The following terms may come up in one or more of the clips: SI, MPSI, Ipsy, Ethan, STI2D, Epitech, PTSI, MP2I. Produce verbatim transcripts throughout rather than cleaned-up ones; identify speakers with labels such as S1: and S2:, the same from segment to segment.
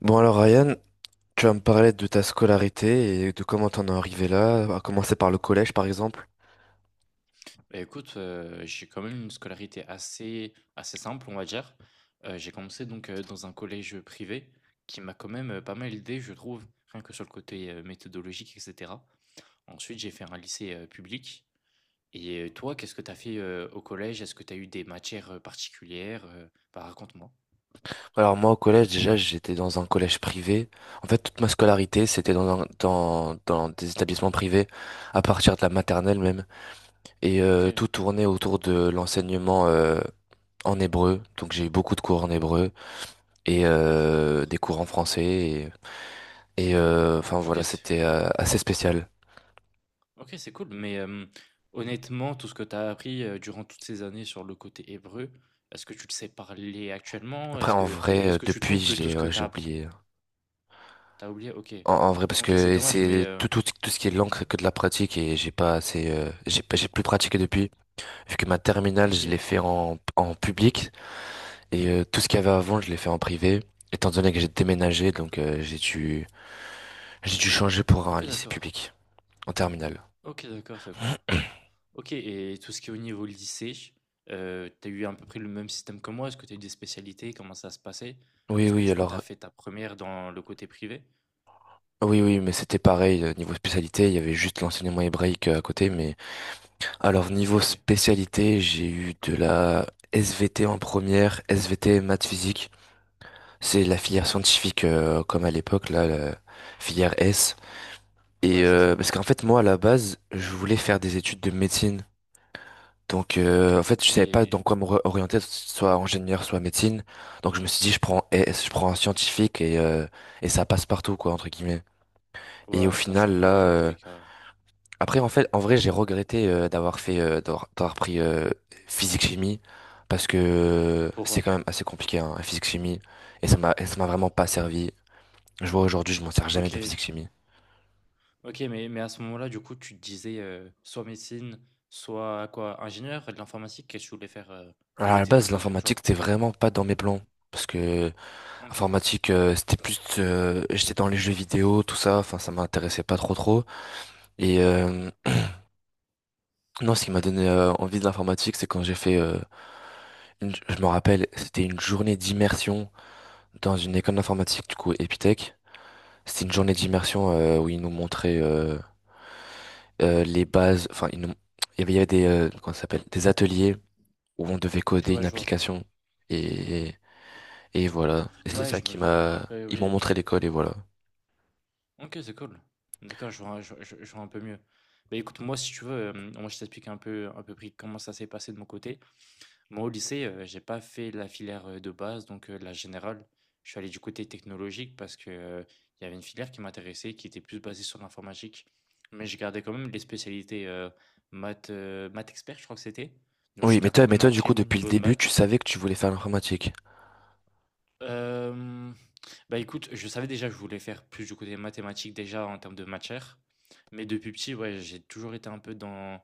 S1: Bon alors Ryan, tu vas me parler de ta scolarité et de comment t'en es arrivé là, à commencer par le collège par exemple.
S2: Bah, écoute, heu, j'ai quand même une scolarité assez assez simple, on va dire. Heu, j'ai commencé donc, heu, dans un collège privé qui m'a quand même, heu, pas mal aidé, je trouve, rien que sur le côté, heu, méthodologique et cetera. Ensuite, j'ai fait un lycée, heu, public et heu, toi, qu'est-ce que tu as fait, heu, au collège? Est-ce que tu as eu des matières, heu, particulières, heu? Bah, raconte-moi.
S1: Alors moi au collège déjà j'étais dans un collège privé. En fait toute ma scolarité c'était dans, un- dans, dans des établissements privés à partir de la maternelle même. Et euh,
S2: OK.
S1: tout tournait autour de l'enseignement euh, en hébreu. Donc j'ai eu beaucoup de cours en hébreu. Et
S2: OK,
S1: euh,
S2: d'accord.
S1: des cours en français. Et, et, euh, enfin voilà,
S2: OK, c'est
S1: c'était euh, assez spécial.
S2: OK, c'est cool, mais hem, honnêtement, tout ce que tu as appris, heu, durant toutes ces années sur le côté hébreu, est-ce que tu le sais parler actuellement?
S1: Après,
S2: Est-ce
S1: en
S2: que
S1: vrai, euh,
S2: est-ce que tu
S1: depuis,
S2: trouves que
S1: je
S2: tout
S1: l'ai,
S2: ce que
S1: euh,
S2: tu
S1: j'ai
S2: as
S1: oublié.
S2: oublié. OK.
S1: En, en vrai, parce
S2: OK, c'est
S1: que
S2: dommage, mais
S1: c'est
S2: heu,
S1: tout, tout, tout ce qui est l'encre que de la pratique et j'ai pas assez, euh, j'ai pas- j'ai plus pratiqué depuis. Vu que ma terminale, je l'ai
S2: OK.
S1: fait en, en public et euh, tout ce qu'il y avait avant, je l'ai fait en privé. Étant donné que j'ai déménagé, donc euh, j'ai dû, j'ai dû changer pour un
S2: OK,
S1: lycée
S2: d'accord.
S1: public en terminale.
S2: OK, d'accord, c'est cool. OK et tout ce qui est au niveau lycée, heu, tu as eu à peu près le même système que moi? Est-ce que tu as eu des spécialités? Comment ça se passait?
S1: Oui,
S2: Parce que
S1: oui,
S2: du coup, tu as
S1: alors,
S2: fait ta première dans le côté privé?
S1: oui, oui, mais c'était pareil, euh, niveau spécialité, il y avait juste l'enseignement hébraïque euh, à côté, mais alors niveau
S2: OK.
S1: spécialité, j'ai eu de la S V T en première, S V T maths physique. C'est la
S2: OK,
S1: filière
S2: d'accord.
S1: scientifique euh, comme à l'époque là, la filière S. Et
S2: Ouais, c'est
S1: euh,
S2: ça.
S1: parce qu'en fait moi à la base, je voulais faire des études de médecine. Donc euh, en
S2: OK
S1: fait, je savais pas
S2: et
S1: dans quoi me re- orienter, soit ingénieur, soit médecine. Donc je me suis dit je prends S, je prends un scientifique et euh, et ça passe partout quoi entre guillemets. Et au
S2: ouais, ça, je
S1: final là,
S2: comprends, ouais, dans tous
S1: euh,
S2: les cas.
S1: après, en fait, en vrai, j'ai regretté euh, d'avoir fait, euh, d'avoir d'avoir pris euh, physique-chimie parce que euh,
S2: Pour
S1: c'est
S2: eux.
S1: quand même assez compliqué, hein, la physique-chimie, et ça m'a, et ça m'a vraiment pas servi. Je vois aujourd'hui, je m'en sers jamais de la
S2: OK.
S1: physique-chimie.
S2: OK, mais mais à ce moment-là, du coup, tu te disais, heu, soit médecine, soit quoi? Ingénieur de l'informatique? Qu'est-ce que tu voulais faire, heu?
S1: Alors,
S2: Quel
S1: à la
S2: était ton
S1: base,
S2: deuxième
S1: l'informatique,
S2: choix?
S1: c'était vraiment pas dans mes plans parce que
S2: OK.
S1: informatique, euh, c'était plus, euh, j'étais dans les jeux vidéo, tout ça, enfin, ça m'intéressait pas trop trop. Et
S2: Mmh.
S1: euh, non, ce qui m'a donné euh, envie de l'informatique, c'est quand j'ai fait, euh, une- je me rappelle, c'était une journée d'immersion dans une école d'informatique, du coup, Epitech. C'était une journée
S2: OK.
S1: d'immersion euh, où ils nous montraient euh, euh, les bases. Enfin, ils nous- il y avait, il y avait des, euh, comment ça s'appelle, des ateliers où on devait
S2: OK,
S1: coder
S2: ouais,
S1: une
S2: je vois.
S1: application. Et, et voilà. Et c'est
S2: Ouais,
S1: ça
S2: je me
S1: qui m'a.
S2: oui,
S1: Ils m'ont
S2: oui.
S1: montré l'école et voilà.
S2: OK, c'est cool. D'accord, je vois je je je vois un peu mieux. Bah, écoute, moi, si tu veux, hem, moi, je t'explique un peu un peu pri comment ça s'est passé de mon côté. Moi, au lycée, heu, j'ai pas fait la filière, heu, de base, donc heu, la générale. Je suis allé du côté technologique parce que, heu, il y avait une filière qui m'intéressait, qui était plus basée sur l'informatique. Mais je gardais quand même les spécialités, heu, maths, heu, maths expert, je crois que c'était. Donc je
S1: Oui, mais
S2: garde
S1: toi,
S2: quand
S1: mais
S2: même un
S1: toi, du
S2: très
S1: coup,
S2: bon
S1: depuis le
S2: niveau de
S1: début, tu
S2: maths.
S1: savais que tu voulais faire l'informatique.
S2: Hem, Bah, écoute, je savais déjà que je voulais faire plus du côté mathématique déjà en termes de matière. Mais depuis petit, ouais, j'ai toujours été un peu dans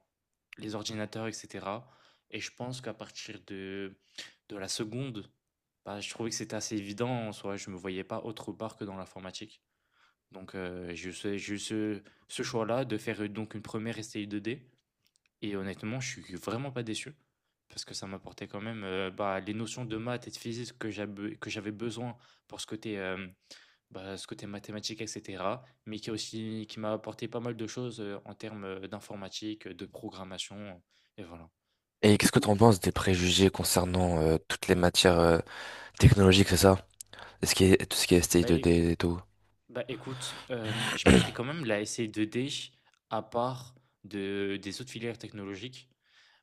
S2: les ordinateurs, et cetera. Et je pense qu'à partir de, de la seconde, bah, je trouvais que c'était assez évident en soi. Je me voyais pas autre part que dans l'informatique. Donc, euh, j'ai eu ce, j'ai eu ce, ce choix-là de faire euh, donc une première S T I deux D. Et honnêtement, je suis vraiment pas déçu parce que ça m'apportait quand même euh, bah, les notions de maths et de physique que j'avais que j'avais besoin pour ce côté, euh, bah, ce côté mathématique, et cetera. Mais qui a aussi qui m'a apporté pas mal de choses euh, en termes euh, d'informatique, euh, de programmation, euh, et voilà.
S1: Et qu'est-ce que tu en penses des
S2: Voilà, comme ça.
S1: préjugés concernant euh, toutes les matières euh, technologiques, c'est ça? Ce qui est, tout ce qui est
S2: Bah, é-
S1: S T I deux D et tout.
S2: Bah, écoute, euh, je mettrai quand même la S C deux D à part de, des autres filières technologiques.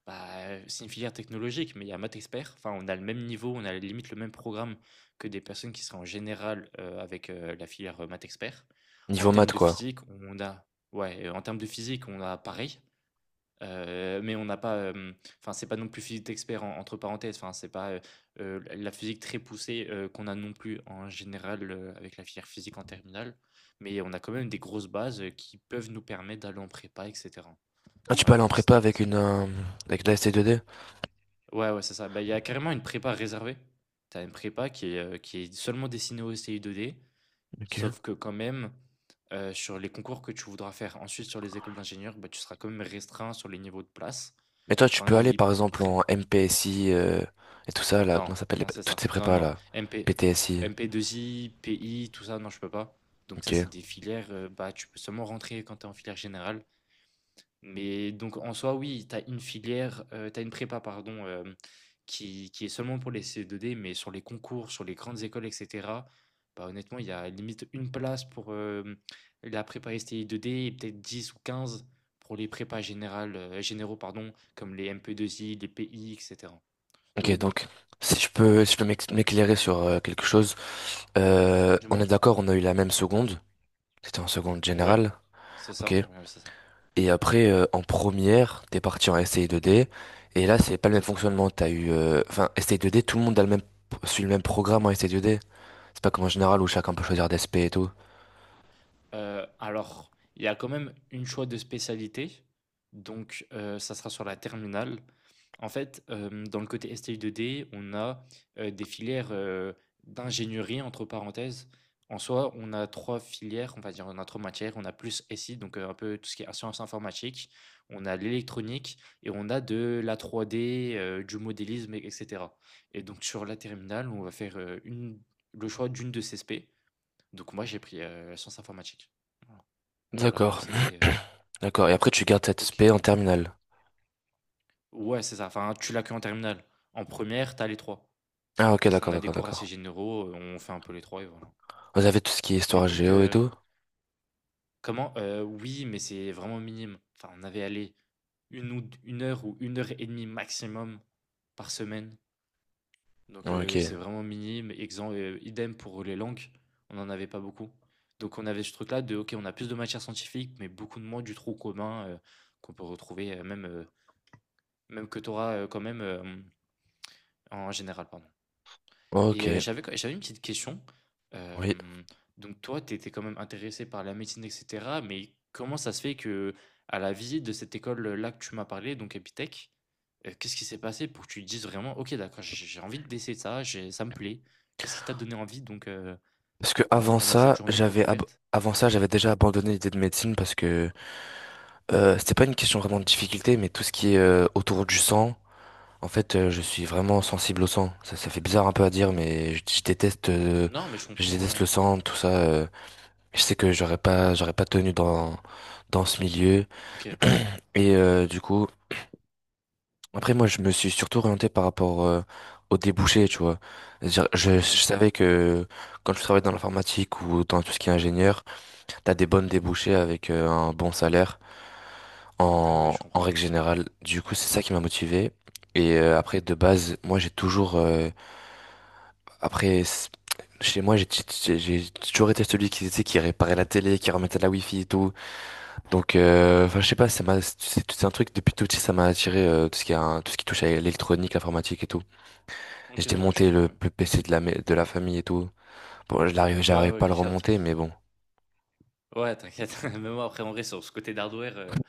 S2: Bah, c'est une filière technologique, mais il y a maths expert. Enfin, on a le même niveau, on a limite le même programme que des personnes qui seraient en général euh, avec euh, la filière euh, maths expert. En
S1: Niveau maths,
S2: termes de
S1: quoi.
S2: physique, on a, ouais, euh, En termes de physique, on a pareil, euh, mais on n'a pas, euh, enfin, c'est pas non plus physique expert en- entre parenthèses. Enfin, c'est pas euh, euh, la physique très poussée euh, qu'on a non plus en général euh, avec la filière physique en terminale. Mais on a quand même des grosses bases euh, qui peuvent nous permettre d'aller en prépa, et cetera.
S1: Ah, tu peux
S2: Voilà
S1: aller en
S2: comment ça
S1: prépa
S2: s'était
S1: avec
S2: passé.
S1: une, euh, avec de la S T I deux D?
S2: Ouais, ouais, c'est ça. Bah, il y a carrément une prépa réservée. Tu as une prépa qui est, euh, qui est seulement destinée au S T I deux D,
S1: Ok.
S2: sauf que quand même, euh, sur les concours que tu voudras faire ensuite sur les écoles d'ingénieurs, bah, tu seras quand même restreint sur les niveaux de place.
S1: Mais toi, tu
S2: Enfin,
S1: peux aller
S2: il...
S1: par exemple
S2: pré-
S1: en M P S I euh, et tout ça là,
S2: Non,
S1: comment ça s'appelle les-
S2: non,
S1: pa-
S2: c'est
S1: toutes ces
S2: ça. Non,
S1: prépas
S2: non.
S1: là,
S2: M P...
S1: P T S I.
S2: M P deux I, P I, tout ça, non, je peux pas. Donc
S1: Ok.
S2: ça, c'est des filières, euh, bah, tu peux seulement rentrer quand tu es en filière générale. Mais donc en soi, oui, tu as une filière, heu, tu as une prépa pardon, hem, qui qui est seulement pour les C E deux D, mais sur les concours, sur les grandes écoles et cetera, bah, honnêtement, il y a limite une place pour, hem, la prépa S T I deux D et peut-être dix ou quinze pour les prépas générales, heu, généraux pardon, comme les M P deux I, les P I et cetera.
S1: Ok,
S2: Donc bon,
S1: donc si je peux, si je peux m'ex- m'éclairer sur euh, quelque chose, euh, on est
S2: dis-moi?
S1: d'accord, on a eu la même seconde. C'était en seconde
S2: Ouais,
S1: générale,
S2: c'est
S1: ok.
S2: ça, ouais, ouais, c'est ça,
S1: Et après euh, en première, t'es parti en S T I deux D et là c'est pas le même
S2: exactement.
S1: fonctionnement. T'as eu, euh, enfin S T I deux D, tout le monde a le même suit le même programme en S T I deux D. C'est pas comme en général où chacun peut choisir des S P et tout.
S2: Heu, alors, il y a quand même une choix de spécialité, donc heu, ça sera sur la terminale. En fait, hem, dans le côté S T I deux D, on a, heu, des filières, heu, d'ingénierie entre parenthèses. En soi, on a trois filières, on va dire, on a trois matières. On a plus S I, donc heu, un peu tout ce qui est sciences informatiques, on a l'électronique et on a de la trois D, heu, du modélisme et et et donc sur la terminale, on va faire, heu, une le choix d'une de ces spé, donc moi, j'ai pris euh, sciences informatiques. Voilà. Voilà comment
S1: D'accord,
S2: c'était. Euh,
S1: d'accord. Et après tu gardes cette S P en
S2: ok.
S1: terminale.
S2: Ouais, c'est ça. Enfin, tu l'as que en terminale. En première, t'as les trois.
S1: Ah ok,
S2: Tu, on
S1: d'accord,
S2: a des
S1: d'accord,
S2: cours assez
S1: d'accord.
S2: généraux, euh, on fait un peu les trois et voilà.
S1: Vous avez tout ce qui est
S2: Mais
S1: histoire
S2: donc,
S1: géo et
S2: euh,
S1: tout?
S2: comment euh, oui, mais c'est vraiment minime. Enfin, on avait allé une, ou, une heure ou une heure et demie maximum par semaine. Donc
S1: Ok,
S2: euh, c'est vraiment minime. Exemple, idem pour les langues, on n'en avait pas beaucoup. Donc on avait ce truc-là de, ok, on a plus de matières scientifiques, mais beaucoup de moins du trou commun euh, qu'on peut retrouver euh, même euh, Même que tu auras, quand même, hem, en général, pardon. Et
S1: ok,
S2: heu, j'avais j'avais une petite question.
S1: oui.
S2: Hem, donc toi, tu étais quand même intéressé par la médecine et cetera, mais comment ça se fait que à la visite de cette école-là que tu m'as parlé, donc Epitech, heu, qu'est-ce qui s'est passé pour que tu te dises vraiment: «OK, d'accord, j'ai j'ai envie d'essayer ça, j'ai ça me plaît»? Qu'est-ce qui t'a donné envie donc, heu,
S1: Parce que
S2: pendant
S1: avant
S2: pendant cette
S1: ça,
S2: journée de porte
S1: j'avais ab-
S2: ouverte?
S1: avant ça, j'avais déjà abandonné l'idée de médecine parce que euh, c'était pas une question vraiment de difficulté, mais tout ce qui est euh, autour du sang, en fait, euh, je suis vraiment sensible au sang. Ça, ça fait bizarre un peu à dire, mais je, je déteste, euh,
S2: Non, mais je
S1: je
S2: comprends, ouais,
S1: déteste
S2: ouais.
S1: le sang, tout ça. euh. Je sais que j'aurais pas, j'aurais pas tenu dans dans ce milieu
S2: OK,
S1: et euh, du coup. Après, moi, je me suis surtout orienté par rapport euh, aux débouchés, tu vois. C'est-à-dire, Je, je
S2: ouais.
S1: savais que quand tu travailles dans l'informatique ou dans tout ce qui est ingénieur, t'as des bonnes débouchés avec euh, un bon salaire
S2: Ouais, ouais,
S1: en,
S2: je
S1: en
S2: comprends.
S1: règle générale. Du coup, c'est ça qui m'a motivé. Et euh, après, de base, moi, j'ai toujours. Euh, après, c- chez moi, j'ai j'ai- j'ai toujours été celui qui, tu sais, qui réparait la télé, qui remettait la wifi et tout. Donc, euh, enfin, je sais pas, ça m'a, c'est c'est un truc depuis tout petit, ça m'a attiré euh, tout ce qui a, tout ce qui touche à l'électronique, l'informatique et tout. Et J'ai
S2: OK, OK, je
S1: démonté
S2: comprends
S1: le,
S2: mieux.
S1: le P C de la, ma- de la famille et tout. Bon, je l'arrive,
S2: Ouais,
S1: j'arrive
S2: ouais,
S1: pas à
S2: OK,
S1: le
S2: je capte.
S1: remonter, mais bon.
S2: Ouais, t'inquiète. Même moi, après, en vrai, sur ce côté d'hardware, heu,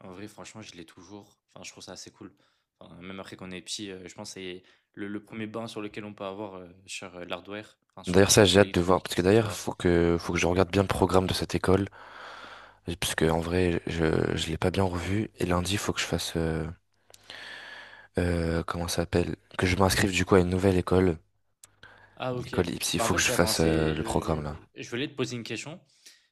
S2: en vrai, franchement, je l'ai toujours. Enfin, je trouve ça assez cool. Enfin, même après qu'on est petit, heu, je pense que c'est le le premier bain sur lequel on peut avoir, heu, sur, heu, l'hardware, enfin sur,
S1: D'ailleurs,
S2: heu,
S1: ça, j'ai hâte de voir,
S2: l'électronique
S1: parce
S2: et
S1: que d'ailleurs,
S2: cetera.
S1: faut que, faut que je regarde bien le programme de cette école, parce que en vrai, je, je l'ai pas bien revu. Et lundi, faut que je fasse, euh, euh, comment ça s'appelle, que je m'inscrive du coup à une nouvelle école,
S2: Ah OK.
S1: l'école Ipsy.
S2: Bah, en
S1: Faut que
S2: fait,
S1: je
S2: c'est attends,
S1: fasse euh,
S2: c'est
S1: le
S2: je
S1: programme
S2: je
S1: là.
S2: je voulais te poser une question.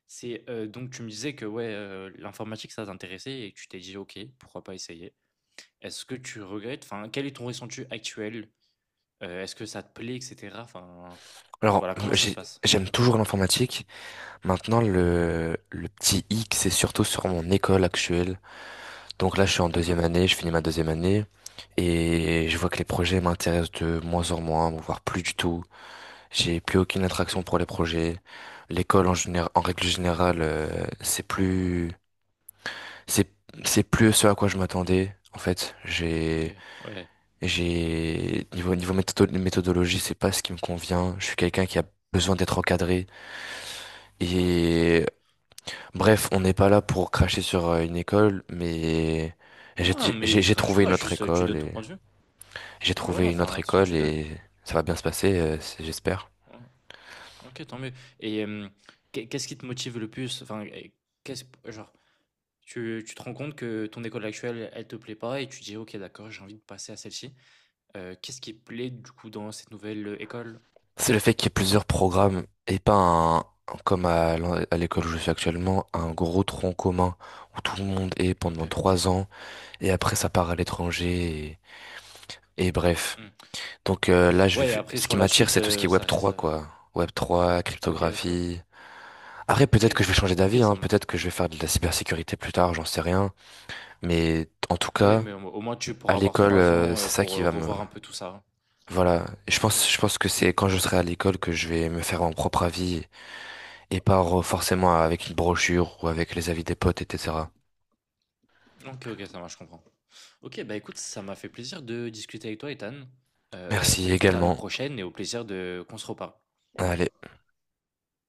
S2: C'est, heu, donc tu me disais que, ouais, heu, l'informatique, ça t'intéressait et que tu t'es dit: «OK, pourquoi pas essayer?» Est-ce que tu regrettes? Enfin, quel est ton ressenti actuel? Heu, est-ce que ça te plaît et cetera? Enfin,
S1: Alors,
S2: voilà, comment ça se
S1: j'ai-
S2: passe?
S1: j'aime toujours l'informatique. Maintenant,
S2: Mmh.
S1: le, le petit hic, c'est surtout sur mon école actuelle. Donc là, je suis en deuxième
S2: D'accord.
S1: année, je finis ma deuxième année. Et je vois que les projets m'intéressent de moins en moins, voire plus du tout. J'ai plus aucune attraction
S2: OK,
S1: pour les projets. L'école, en général, en règle générale, euh, c'est plus, c'est, c'est plus ce à quoi je m'attendais. En fait, j'ai,
S2: OK, ouais,
S1: j'ai, niveau, niveau méthodo- méthodologie, c'est pas ce qui me convient. Je suis quelqu'un qui a besoin d'être encadré.
S2: ouais, je comprends.
S1: Et bref, on n'est pas là pour cracher sur euh, une école, mais j'ai
S2: Non, mais
S1: j'ai-
S2: tu
S1: j'ai
S2: rages
S1: trouvé une
S2: pas,
S1: autre
S2: juste, heu, tu
S1: école
S2: donnes ton
S1: et
S2: point de vue.
S1: j'ai
S2: Ouais, voilà,
S1: trouvé une
S2: enfin,
S1: autre
S2: de toute façon,
S1: école
S2: tu donnes.
S1: et ça va bien se passer,
S2: Ouais,
S1: euh, c'est- j'espère.
S2: ouais. OK, tant mieux et hem, qu'est qu'est-ce qui te motive le plus? Enfin et qu'est-ce genre, tu tu te rends compte que ton école actuelle, elle te plaît pas et tu dis: «OK, d'accord, j'ai envie de passer à celle-ci». Heu, qu'est-ce qui te plaît, du coup, dans cette nouvelle, heu, école?
S1: C'est le fait qu'il y ait plusieurs programmes et pas un, comme à l'en- à l'école où je suis actuellement, un gros tronc commun où tout le monde est pendant
S2: OK,
S1: trois ans et après ça part à l'étranger et, et bref.
S2: mmh.
S1: Donc euh, là, je vais,
S2: Ouais et
S1: f-
S2: après
S1: ce qui
S2: sur la
S1: m'attire,
S2: suite,
S1: c'est tout ce qui
S2: heu,
S1: est Web
S2: ça reste,
S1: trois,
S2: heu
S1: quoi. Web trois,
S2: OK, d'accord.
S1: cryptographie. Après,
S2: OK,
S1: peut-être que je vais changer
S2: OK,
S1: d'avis, hein.
S2: ça marche.
S1: Peut-être que je vais faire de la
S2: Mmh.
S1: cybersécurité plus tard, j'en sais rien. Mais en tout
S2: Oui,
S1: cas,
S2: mais au au moins tu
S1: à
S2: pourras avoir
S1: l'école,
S2: trois
S1: euh,
S2: ans,
S1: c'est
S2: heu,
S1: ça
S2: pour,
S1: qui
S2: heu,
S1: va me.
S2: revoir un peu tout ça, hein.
S1: Voilà, je
S2: OK.
S1: pense, je pense que c'est quand je serai à l'école que je vais me faire mon propre avis et pas re- forcément avec une brochure ou avec les avis des potes, et cetera.
S2: OK, OK, ça marche, je comprends. OK, bah, écoute, ça m'a fait plaisir de discuter avec toi, Ethan. Euh, bah,
S1: Merci
S2: écoute, à la
S1: également.
S2: prochaine et au plaisir de qu'on se reparle.
S1: Allez.